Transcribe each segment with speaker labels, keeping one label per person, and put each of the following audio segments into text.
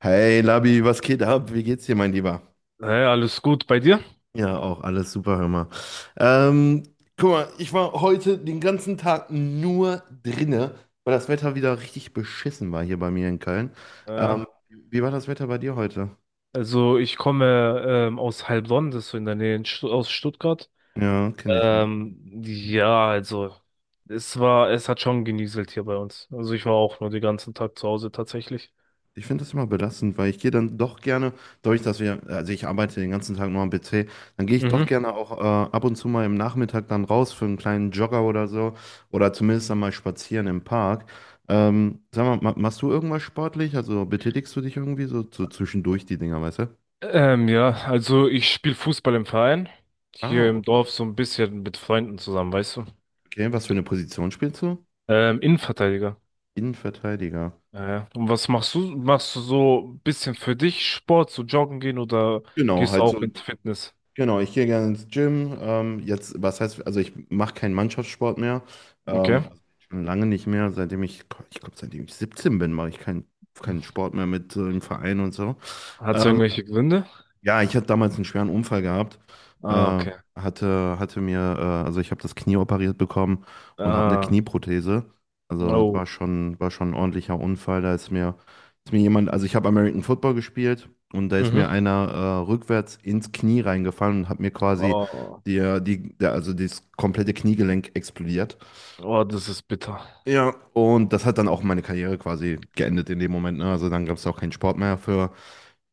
Speaker 1: Hey Labi, was geht ab? Wie geht's dir, mein Lieber?
Speaker 2: Hey, alles gut bei dir?
Speaker 1: Ja, auch alles super, hör mal. Ähm, guck mal, ich war heute den ganzen Tag nur drinne, weil das Wetter wieder richtig beschissen war hier bei mir in Köln.
Speaker 2: Ja.
Speaker 1: Wie war das Wetter bei dir heute?
Speaker 2: Also ich komme aus Heilbronn, das ist so in der Nähe in Stuttgart.
Speaker 1: Ja, kenne ich.
Speaker 2: Ja, also es hat schon genieselt hier bei uns. Also ich war auch nur den ganzen Tag zu Hause tatsächlich.
Speaker 1: Ich finde das immer belastend, weil ich gehe dann doch gerne, also ich arbeite den ganzen Tag nur am PC, dann gehe ich doch
Speaker 2: Mhm.
Speaker 1: gerne auch ab und zu mal im Nachmittag dann raus für einen kleinen Jogger oder so oder zumindest dann mal spazieren im Park. Sag mal, ma machst du irgendwas sportlich? Also betätigst du dich irgendwie so, so zwischendurch die Dinger, weißt du?
Speaker 2: Ja, also ich spiele Fußball im Verein, hier
Speaker 1: Ah,
Speaker 2: im Dorf so ein bisschen mit Freunden zusammen, weißt du?
Speaker 1: okay. Was für eine Position spielst du?
Speaker 2: Innenverteidiger.
Speaker 1: Innenverteidiger.
Speaker 2: Ja, ja. Und was machst du? Machst du so ein bisschen für dich Sport, so joggen gehen oder
Speaker 1: Genau,
Speaker 2: gehst du
Speaker 1: halt so.
Speaker 2: auch ins Fitness?
Speaker 1: Genau, ich gehe gerne ins Gym. Jetzt, was heißt, also ich mache keinen Mannschaftssport mehr.
Speaker 2: Okay.
Speaker 1: Also schon lange nicht mehr. Ich glaube, seitdem ich 17 bin, mache ich keinen Sport mehr mit im Verein und so.
Speaker 2: Hat es
Speaker 1: Ähm,
Speaker 2: irgendwelche Gründe?
Speaker 1: ja, ich hatte damals einen schweren Unfall gehabt.
Speaker 2: Ah,
Speaker 1: Äh,
Speaker 2: okay.
Speaker 1: also ich habe das Knie operiert bekommen und habe eine
Speaker 2: Ah,
Speaker 1: Knieprothese. Also es
Speaker 2: oh.
Speaker 1: war schon ein ordentlicher Unfall. Ist mir jemand, also ich habe American Football gespielt und da ist mir
Speaker 2: Mhm.
Speaker 1: einer rückwärts ins Knie reingefallen und hat mir quasi
Speaker 2: Oh.
Speaker 1: also das komplette Kniegelenk explodiert.
Speaker 2: Oh, das ist bitter.
Speaker 1: Ja, und das hat dann auch meine Karriere quasi geendet in dem Moment. Ne? Also dann gab es auch keinen Sport mehr für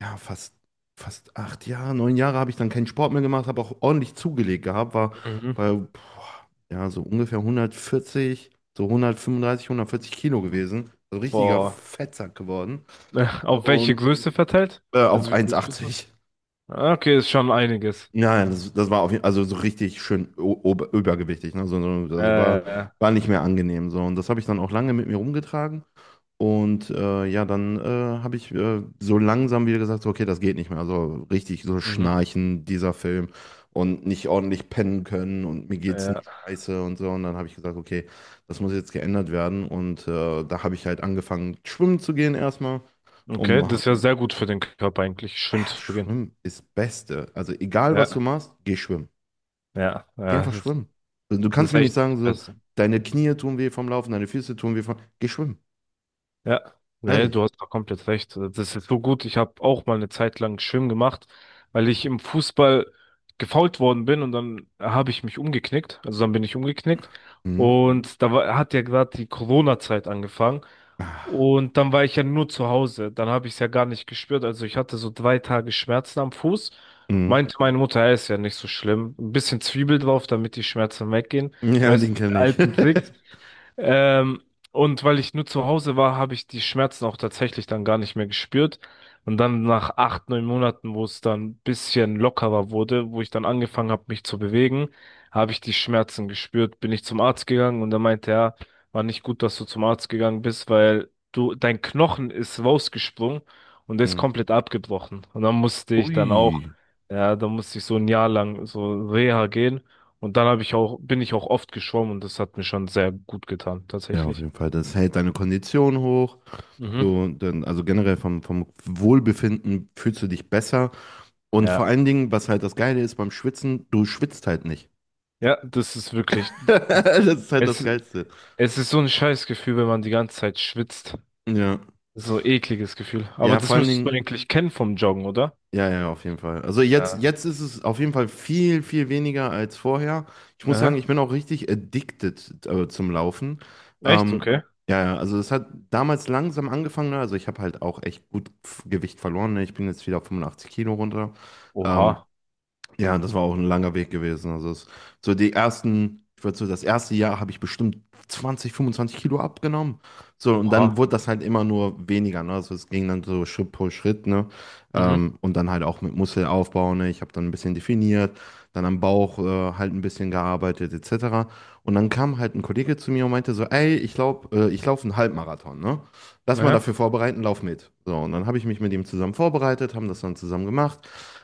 Speaker 1: ja, fast, fast acht Jahre, neun Jahre habe ich dann keinen Sport mehr gemacht, habe auch ordentlich zugelegt gehabt, war
Speaker 2: Mhm.
Speaker 1: bei boah, ja, so ungefähr hundertvierzig, so hundertfünfunddreißig, hundertvierzig Kilo gewesen. So richtiger
Speaker 2: Boah.
Speaker 1: Fettsack geworden.
Speaker 2: Auf welche
Speaker 1: Und
Speaker 2: Größe verteilt?
Speaker 1: auf
Speaker 2: Also wie groß bist du?
Speaker 1: 1,80.
Speaker 2: Ah, okay, ist schon einiges.
Speaker 1: Ja, das, das war auf jeden Fall, also so richtig schön übergewichtig. Ne? Das war,
Speaker 2: Äh,
Speaker 1: war nicht mehr angenehm. So. Und das habe ich dann auch lange mit mir rumgetragen. Und ja, dann habe ich so langsam wieder gesagt, so, okay, das geht nicht mehr. Also richtig so
Speaker 2: Mhm,
Speaker 1: schnarchen, dieser Film und nicht ordentlich pennen können und mir geht's nur
Speaker 2: ja.
Speaker 1: scheiße und so. Und dann habe ich gesagt, okay, das muss jetzt geändert werden. Und da habe ich halt angefangen, schwimmen zu gehen erstmal. Um,
Speaker 2: Okay, das ist
Speaker 1: ah,
Speaker 2: ja sehr gut für den Körper eigentlich, schwimmen zu gehen.
Speaker 1: schwimmen ist das Beste. Also egal, was du
Speaker 2: Ja,
Speaker 1: machst, geh schwimmen.
Speaker 2: ja,
Speaker 1: Geh
Speaker 2: ja,
Speaker 1: einfach schwimmen. Also, du
Speaker 2: das
Speaker 1: kannst
Speaker 2: ist
Speaker 1: mir nicht
Speaker 2: echt
Speaker 1: sagen, so,
Speaker 2: besser.
Speaker 1: deine Knie tun weh vom Laufen, deine Füße tun weh vom... Geh schwimmen.
Speaker 2: Ja, nee, du
Speaker 1: Ehrlich.
Speaker 2: hast da komplett recht. Das ist so gut. Ich habe auch mal eine Zeit lang Schwimmen gemacht, weil ich im Fußball gefoult worden bin und dann habe ich mich umgeknickt. Also dann bin ich umgeknickt
Speaker 1: Mhm.
Speaker 2: und hat ja gerade die Corona-Zeit angefangen
Speaker 1: Ah.
Speaker 2: und dann war ich ja nur zu Hause. Dann habe ich es ja gar nicht gespürt. Also ich hatte so drei Tage Schmerzen am Fuß.
Speaker 1: Mhm.
Speaker 2: Meinte meine Mutter, ja, ist ja nicht so schlimm. Ein bisschen Zwiebel drauf, damit die Schmerzen weggehen.
Speaker 1: Ja,
Speaker 2: Weißt du,
Speaker 1: den
Speaker 2: die
Speaker 1: kenne ich.
Speaker 2: alten Tricks. Ähm, und weil ich nur zu Hause war, habe ich die Schmerzen auch tatsächlich dann gar nicht mehr gespürt. Und dann nach acht, neun Monaten, wo es dann ein bisschen lockerer wurde, wo ich dann angefangen habe, mich zu bewegen, habe ich die Schmerzen gespürt, bin ich zum Arzt gegangen und er meinte, ja, war nicht gut, dass du zum Arzt gegangen bist, weil dein Knochen ist rausgesprungen und der ist
Speaker 1: Hm.
Speaker 2: komplett abgebrochen. Und dann musste ich dann
Speaker 1: Ui.
Speaker 2: auch, ja, dann musste ich so ein Jahr lang so Reha gehen. Und dann habe ich auch, bin ich auch oft geschwommen und das hat mir schon sehr gut getan,
Speaker 1: Ja, auf
Speaker 2: tatsächlich.
Speaker 1: jeden Fall. Das hält deine Kondition hoch.
Speaker 2: Mhm.
Speaker 1: Du, dann, also generell vom Wohlbefinden fühlst du dich besser. Und vor
Speaker 2: Ja.
Speaker 1: allen Dingen, was halt das Geile ist beim Schwitzen, du schwitzt halt nicht.
Speaker 2: Ja, das ist wirklich,
Speaker 1: Das ist halt das
Speaker 2: es,
Speaker 1: Geilste.
Speaker 2: es ist so ein scheiß Gefühl, wenn man die ganze Zeit schwitzt.
Speaker 1: Ja.
Speaker 2: So ein ekliges Gefühl. Aber
Speaker 1: Ja,
Speaker 2: das
Speaker 1: vor allen
Speaker 2: müsstest du
Speaker 1: Dingen,
Speaker 2: eigentlich kennen vom Joggen, oder?
Speaker 1: ja, ja, auf jeden Fall. Also jetzt,
Speaker 2: Ja.
Speaker 1: jetzt ist es auf jeden Fall viel, viel weniger als vorher. Ich muss sagen, ich
Speaker 2: Aha.
Speaker 1: bin auch richtig addicted, zum Laufen.
Speaker 2: Echt?
Speaker 1: Ähm,
Speaker 2: Okay.
Speaker 1: ja, also es hat damals langsam angefangen, ne? Also ich habe halt auch echt gut Gewicht verloren, ne? Ich bin jetzt wieder auf 85 Kilo runter. Ähm,
Speaker 2: Oha.
Speaker 1: ja, das war auch ein langer Weg gewesen. So die ersten, ich würde so das erste Jahr habe ich bestimmt 20, 25 Kilo abgenommen. So, und
Speaker 2: Oha.
Speaker 1: dann wurde das halt immer nur weniger, ne? Also es ging dann so Schritt pro Schritt, ne?
Speaker 2: Mhm.
Speaker 1: Und dann halt auch mit Muskelaufbau, ne? Ich habe dann ein bisschen definiert, dann am Bauch halt ein bisschen gearbeitet, etc. Und dann kam halt ein Kollege zu mir und meinte so, ey, ich glaube, ich laufe einen Halbmarathon, ne? Lass mal
Speaker 2: Aha.
Speaker 1: dafür vorbereiten, lauf mit. So, und dann habe ich mich mit ihm zusammen vorbereitet, haben das dann zusammen gemacht.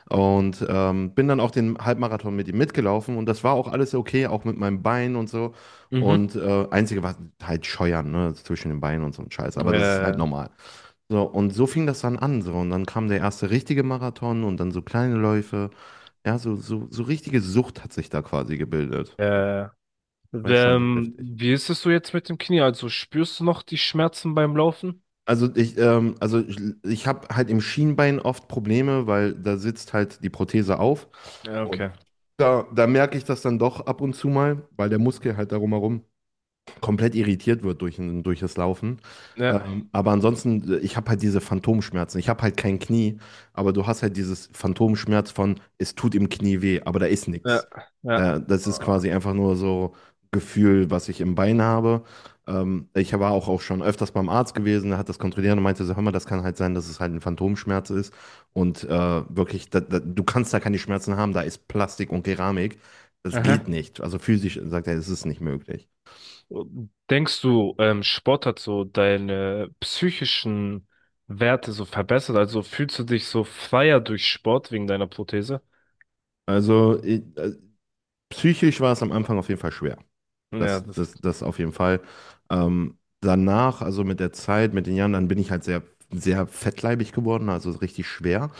Speaker 1: Und bin dann auch den Halbmarathon mit ihm mitgelaufen und das war auch alles okay, auch mit meinem Bein und so.
Speaker 2: Mhm.
Speaker 1: Und einzige war halt Scheuern, ne, zwischen den Beinen und so ein Scheiß, aber das ist halt
Speaker 2: Äh,
Speaker 1: normal. So, und so fing das dann an, so. Und dann kam der erste richtige Marathon und dann so kleine Läufe. Ja, so, so, so richtige Sucht hat sich da quasi gebildet.
Speaker 2: äh,
Speaker 1: War schon echt heftig.
Speaker 2: wie ist es so jetzt mit dem Knie? Also spürst du noch die Schmerzen beim Laufen?
Speaker 1: Ich habe halt im Schienbein oft Probleme, weil da sitzt halt die Prothese auf.
Speaker 2: Ja,
Speaker 1: Und
Speaker 2: okay.
Speaker 1: da merke ich das dann doch ab und zu mal, weil der Muskel halt darum herum komplett irritiert wird durch das Laufen.
Speaker 2: Ja,
Speaker 1: Aber ansonsten, ich habe halt diese Phantomschmerzen. Ich habe halt kein Knie, aber du hast halt dieses Phantomschmerz von, es tut im Knie weh, aber da ist nichts.
Speaker 2: ja, ja.
Speaker 1: Das ist quasi einfach nur so Gefühl, was ich im Bein habe. Ich war auch schon öfters beim Arzt gewesen, der hat das kontrolliert und meinte so, hör mal, das kann halt sein, dass es halt ein Phantomschmerz ist. Und wirklich, du kannst da keine Schmerzen haben, da ist Plastik und Keramik. Das geht
Speaker 2: Aha.
Speaker 1: nicht. Also physisch sagt er, es ist nicht möglich.
Speaker 2: Denkst du, Sport hat so deine psychischen Werte so verbessert? Also fühlst du dich so freier durch Sport wegen deiner Prothese?
Speaker 1: Also ich, äh, psychisch war es am Anfang auf jeden Fall schwer.
Speaker 2: Ja, das.
Speaker 1: Das auf jeden Fall. Danach, also mit der Zeit, mit den Jahren, dann bin ich halt sehr, sehr fettleibig geworden, also richtig schwer.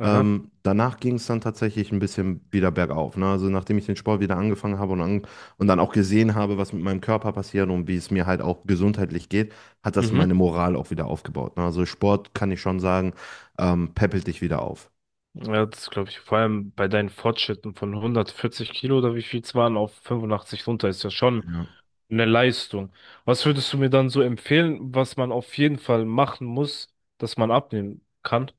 Speaker 2: Aha.
Speaker 1: Danach ging es dann tatsächlich ein bisschen wieder bergauf. Ne? Also nachdem ich den Sport wieder angefangen habe und, an, und dann auch gesehen habe, was mit meinem Körper passiert und wie es mir halt auch gesundheitlich geht, hat das
Speaker 2: Mhm.
Speaker 1: meine Moral auch wieder aufgebaut. Ne? Also Sport kann ich schon sagen, peppelt dich wieder auf.
Speaker 2: Ja, das glaube ich. Vor allem bei deinen Fortschritten von 140 Kilo oder wie viel es waren auf 85 runter ist ja schon
Speaker 1: Ja.
Speaker 2: eine Leistung. Was würdest du mir dann so empfehlen, was man auf jeden Fall machen muss, dass man abnehmen kann?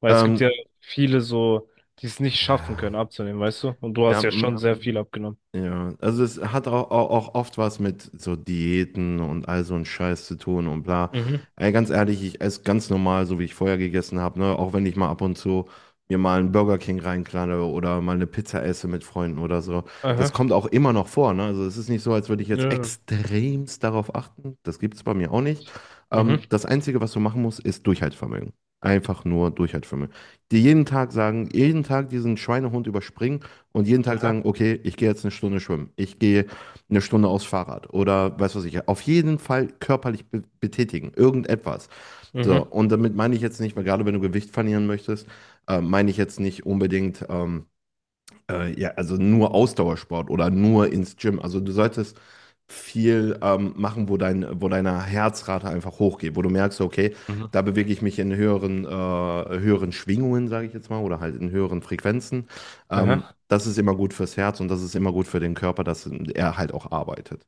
Speaker 2: Weil es gibt ja
Speaker 1: Ähm,
Speaker 2: viele so, die es nicht schaffen können, abzunehmen, weißt du? Und du
Speaker 1: ja,
Speaker 2: hast ja schon sehr viel abgenommen.
Speaker 1: ja, also es hat auch oft was mit so Diäten und all so ein Scheiß zu tun und bla.
Speaker 2: Mhm.
Speaker 1: Ey, ganz ehrlich, ich esse ganz normal, so wie ich vorher gegessen habe, ne? Auch wenn ich mal ab und zu mir mal einen Burger King reinklalle oder mal eine Pizza esse mit Freunden oder so. Das
Speaker 2: Aha.
Speaker 1: kommt auch immer noch vor, ne? Also es ist nicht so, als würde ich jetzt
Speaker 2: Ja.
Speaker 1: extremst darauf achten. Das gibt's bei mir auch nicht.
Speaker 2: Mhm.
Speaker 1: Das Einzige, was du machen musst, ist Durchhaltevermögen. Einfach nur Durchhaltevermögen. Dir jeden Tag sagen, jeden Tag diesen Schweinehund überspringen und jeden Tag
Speaker 2: Aha.
Speaker 1: sagen, okay, ich gehe jetzt eine Stunde schwimmen, ich gehe eine Stunde aufs Fahrrad oder weiß was ich, auf jeden Fall körperlich be betätigen, irgendetwas. So,
Speaker 2: Mhm.
Speaker 1: und damit meine ich jetzt nicht, weil gerade wenn du Gewicht verlieren möchtest, meine ich jetzt nicht unbedingt, ja, also nur Ausdauersport oder nur ins Gym. Also du solltest viel machen, wo wo deine Herzrate einfach hochgeht, wo du merkst, okay,
Speaker 2: Mhm.
Speaker 1: da bewege ich mich in höheren, höheren Schwingungen, sage ich jetzt mal, oder halt in höheren Frequenzen.
Speaker 2: Aha.
Speaker 1: Das ist immer gut fürs Herz und das ist immer gut für den Körper, dass er halt auch arbeitet.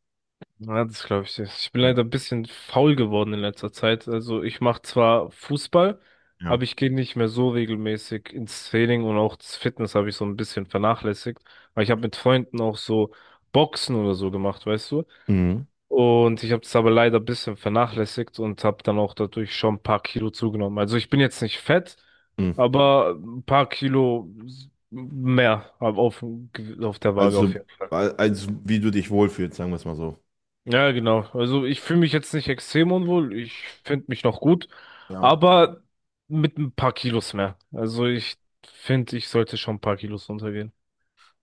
Speaker 2: Ja, das glaube ich nicht. Ich bin
Speaker 1: Ja.
Speaker 2: leider ein bisschen faul geworden in letzter Zeit. Also ich mache zwar Fußball, aber
Speaker 1: Ja.
Speaker 2: ich gehe nicht mehr so regelmäßig ins Training und auch das Fitness habe ich so ein bisschen vernachlässigt. Weil ich habe mit Freunden auch so Boxen oder so gemacht, weißt du?
Speaker 1: Mhm.
Speaker 2: Und ich habe das aber leider ein bisschen vernachlässigt und habe dann auch dadurch schon ein paar Kilo zugenommen. Also ich bin jetzt nicht fett,
Speaker 1: Mhm.
Speaker 2: aber ein paar Kilo mehr auf der Waage auf
Speaker 1: Also,
Speaker 2: jeden Fall.
Speaker 1: als wie du dich wohlfühlst, sagen wir es mal so.
Speaker 2: Ja, genau. Also ich fühle mich jetzt nicht extrem unwohl. Ich finde mich noch gut,
Speaker 1: Ja.
Speaker 2: aber mit ein paar Kilos mehr. Also ich finde, ich sollte schon ein paar Kilos runtergehen.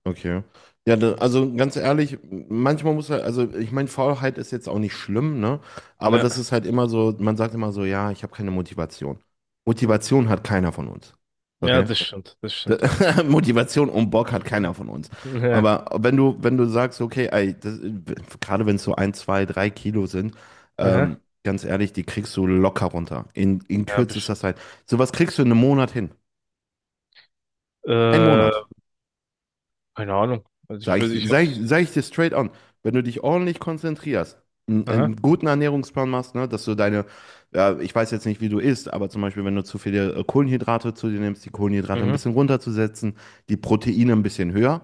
Speaker 1: Okay. Also ganz ehrlich, manchmal muss halt, also ich meine, Faulheit ist jetzt auch nicht schlimm, ne? Aber
Speaker 2: Ja,
Speaker 1: das ist halt immer so, man sagt immer so, ja, ich habe keine Motivation. Motivation hat keiner von uns.
Speaker 2: ja,
Speaker 1: Okay?
Speaker 2: das stimmt. Das stimmt, ja.
Speaker 1: Motivation und Bock hat keiner von uns.
Speaker 2: Mhm. Ja,
Speaker 1: Aber wenn du sagst, okay, ey, das, gerade wenn es so ein, zwei, drei Kilo sind,
Speaker 2: aha.
Speaker 1: ganz ehrlich, die kriegst du locker runter. In
Speaker 2: Ja,
Speaker 1: kürzester
Speaker 2: bestimmt.
Speaker 1: Zeit. Sowas kriegst du in einem Monat hin. Ein
Speaker 2: Äh,
Speaker 1: Monat.
Speaker 2: keine Ahnung. Also ich hab's.
Speaker 1: Sag ich dir straight on, wenn du dich ordentlich konzentrierst,
Speaker 2: Aha.
Speaker 1: einen guten Ernährungsplan machst, ne, ja, ich weiß jetzt nicht, wie du isst, aber zum Beispiel, wenn du zu viele Kohlenhydrate zu dir nimmst, die Kohlenhydrate ein
Speaker 2: Mhm.
Speaker 1: bisschen runterzusetzen, die Proteine ein bisschen höher,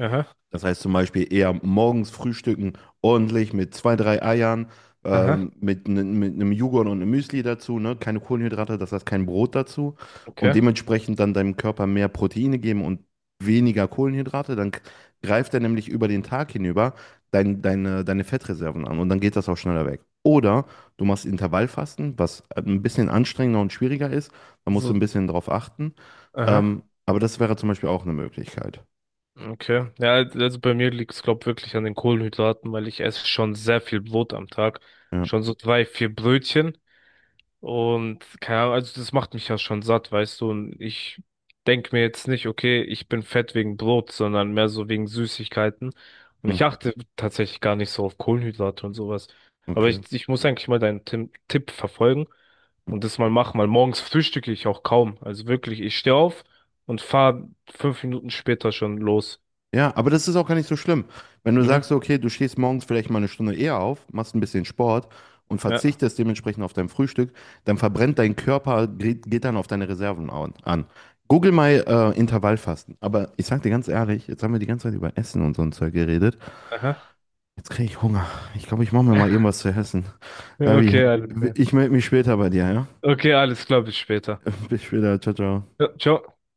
Speaker 2: Aha.
Speaker 1: das heißt zum Beispiel eher morgens frühstücken, ordentlich mit zwei, drei Eiern,
Speaker 2: Aha.
Speaker 1: mit, ne, mit einem Joghurt und einem Müsli dazu, ne? Keine Kohlenhydrate, das heißt kein Brot dazu. Und
Speaker 2: Okay.
Speaker 1: dementsprechend dann deinem Körper mehr Proteine geben und weniger Kohlenhydrate. Greift er nämlich über den Tag hinüber deine Fettreserven an und dann geht das auch schneller weg. Oder du machst Intervallfasten, was ein bisschen anstrengender und schwieriger ist. Da musst du ein
Speaker 2: So,
Speaker 1: bisschen drauf achten.
Speaker 2: aha.
Speaker 1: Aber das wäre zum Beispiel auch eine Möglichkeit.
Speaker 2: Okay. Ja, also bei mir liegt's, glaub, wirklich an den Kohlenhydraten, weil ich esse schon sehr viel Brot am Tag.
Speaker 1: Ja.
Speaker 2: Schon so drei, vier Brötchen. Und keine Ahnung, also das macht mich ja schon satt, weißt du. Und ich denke mir jetzt nicht, okay, ich bin fett wegen Brot, sondern mehr so wegen Süßigkeiten. Und
Speaker 1: Hm,
Speaker 2: ich achte tatsächlich gar nicht so auf Kohlenhydrate und sowas. Aber
Speaker 1: okay.
Speaker 2: ich muss eigentlich mal deinen Tim Tipp verfolgen und das mal machen, weil morgens frühstücke ich auch kaum. Also wirklich, ich stehe auf und fahre fünf Minuten später schon los.
Speaker 1: Ja, aber das ist auch gar nicht so schlimm. Wenn du sagst,
Speaker 2: Mhm.
Speaker 1: okay, du stehst morgens vielleicht mal eine Stunde eher auf, machst ein bisschen Sport und
Speaker 2: Ja.
Speaker 1: verzichtest dementsprechend auf dein Frühstück, dann verbrennt dein Körper, geht dann auf deine Reserven an. Google mal Intervallfasten. Aber ich sag dir ganz ehrlich, jetzt haben wir die ganze Zeit über Essen und so ein Zeug geredet.
Speaker 2: Aha.
Speaker 1: Jetzt kriege ich Hunger. Ich glaube, ich mache mir mal irgendwas zu essen. Davi,
Speaker 2: Okay, alles klar.
Speaker 1: ich melde mich später bei dir, ja?
Speaker 2: Okay, alles klar, bis später.
Speaker 1: Bis später, ciao, ciao.
Speaker 2: Ja, ciao.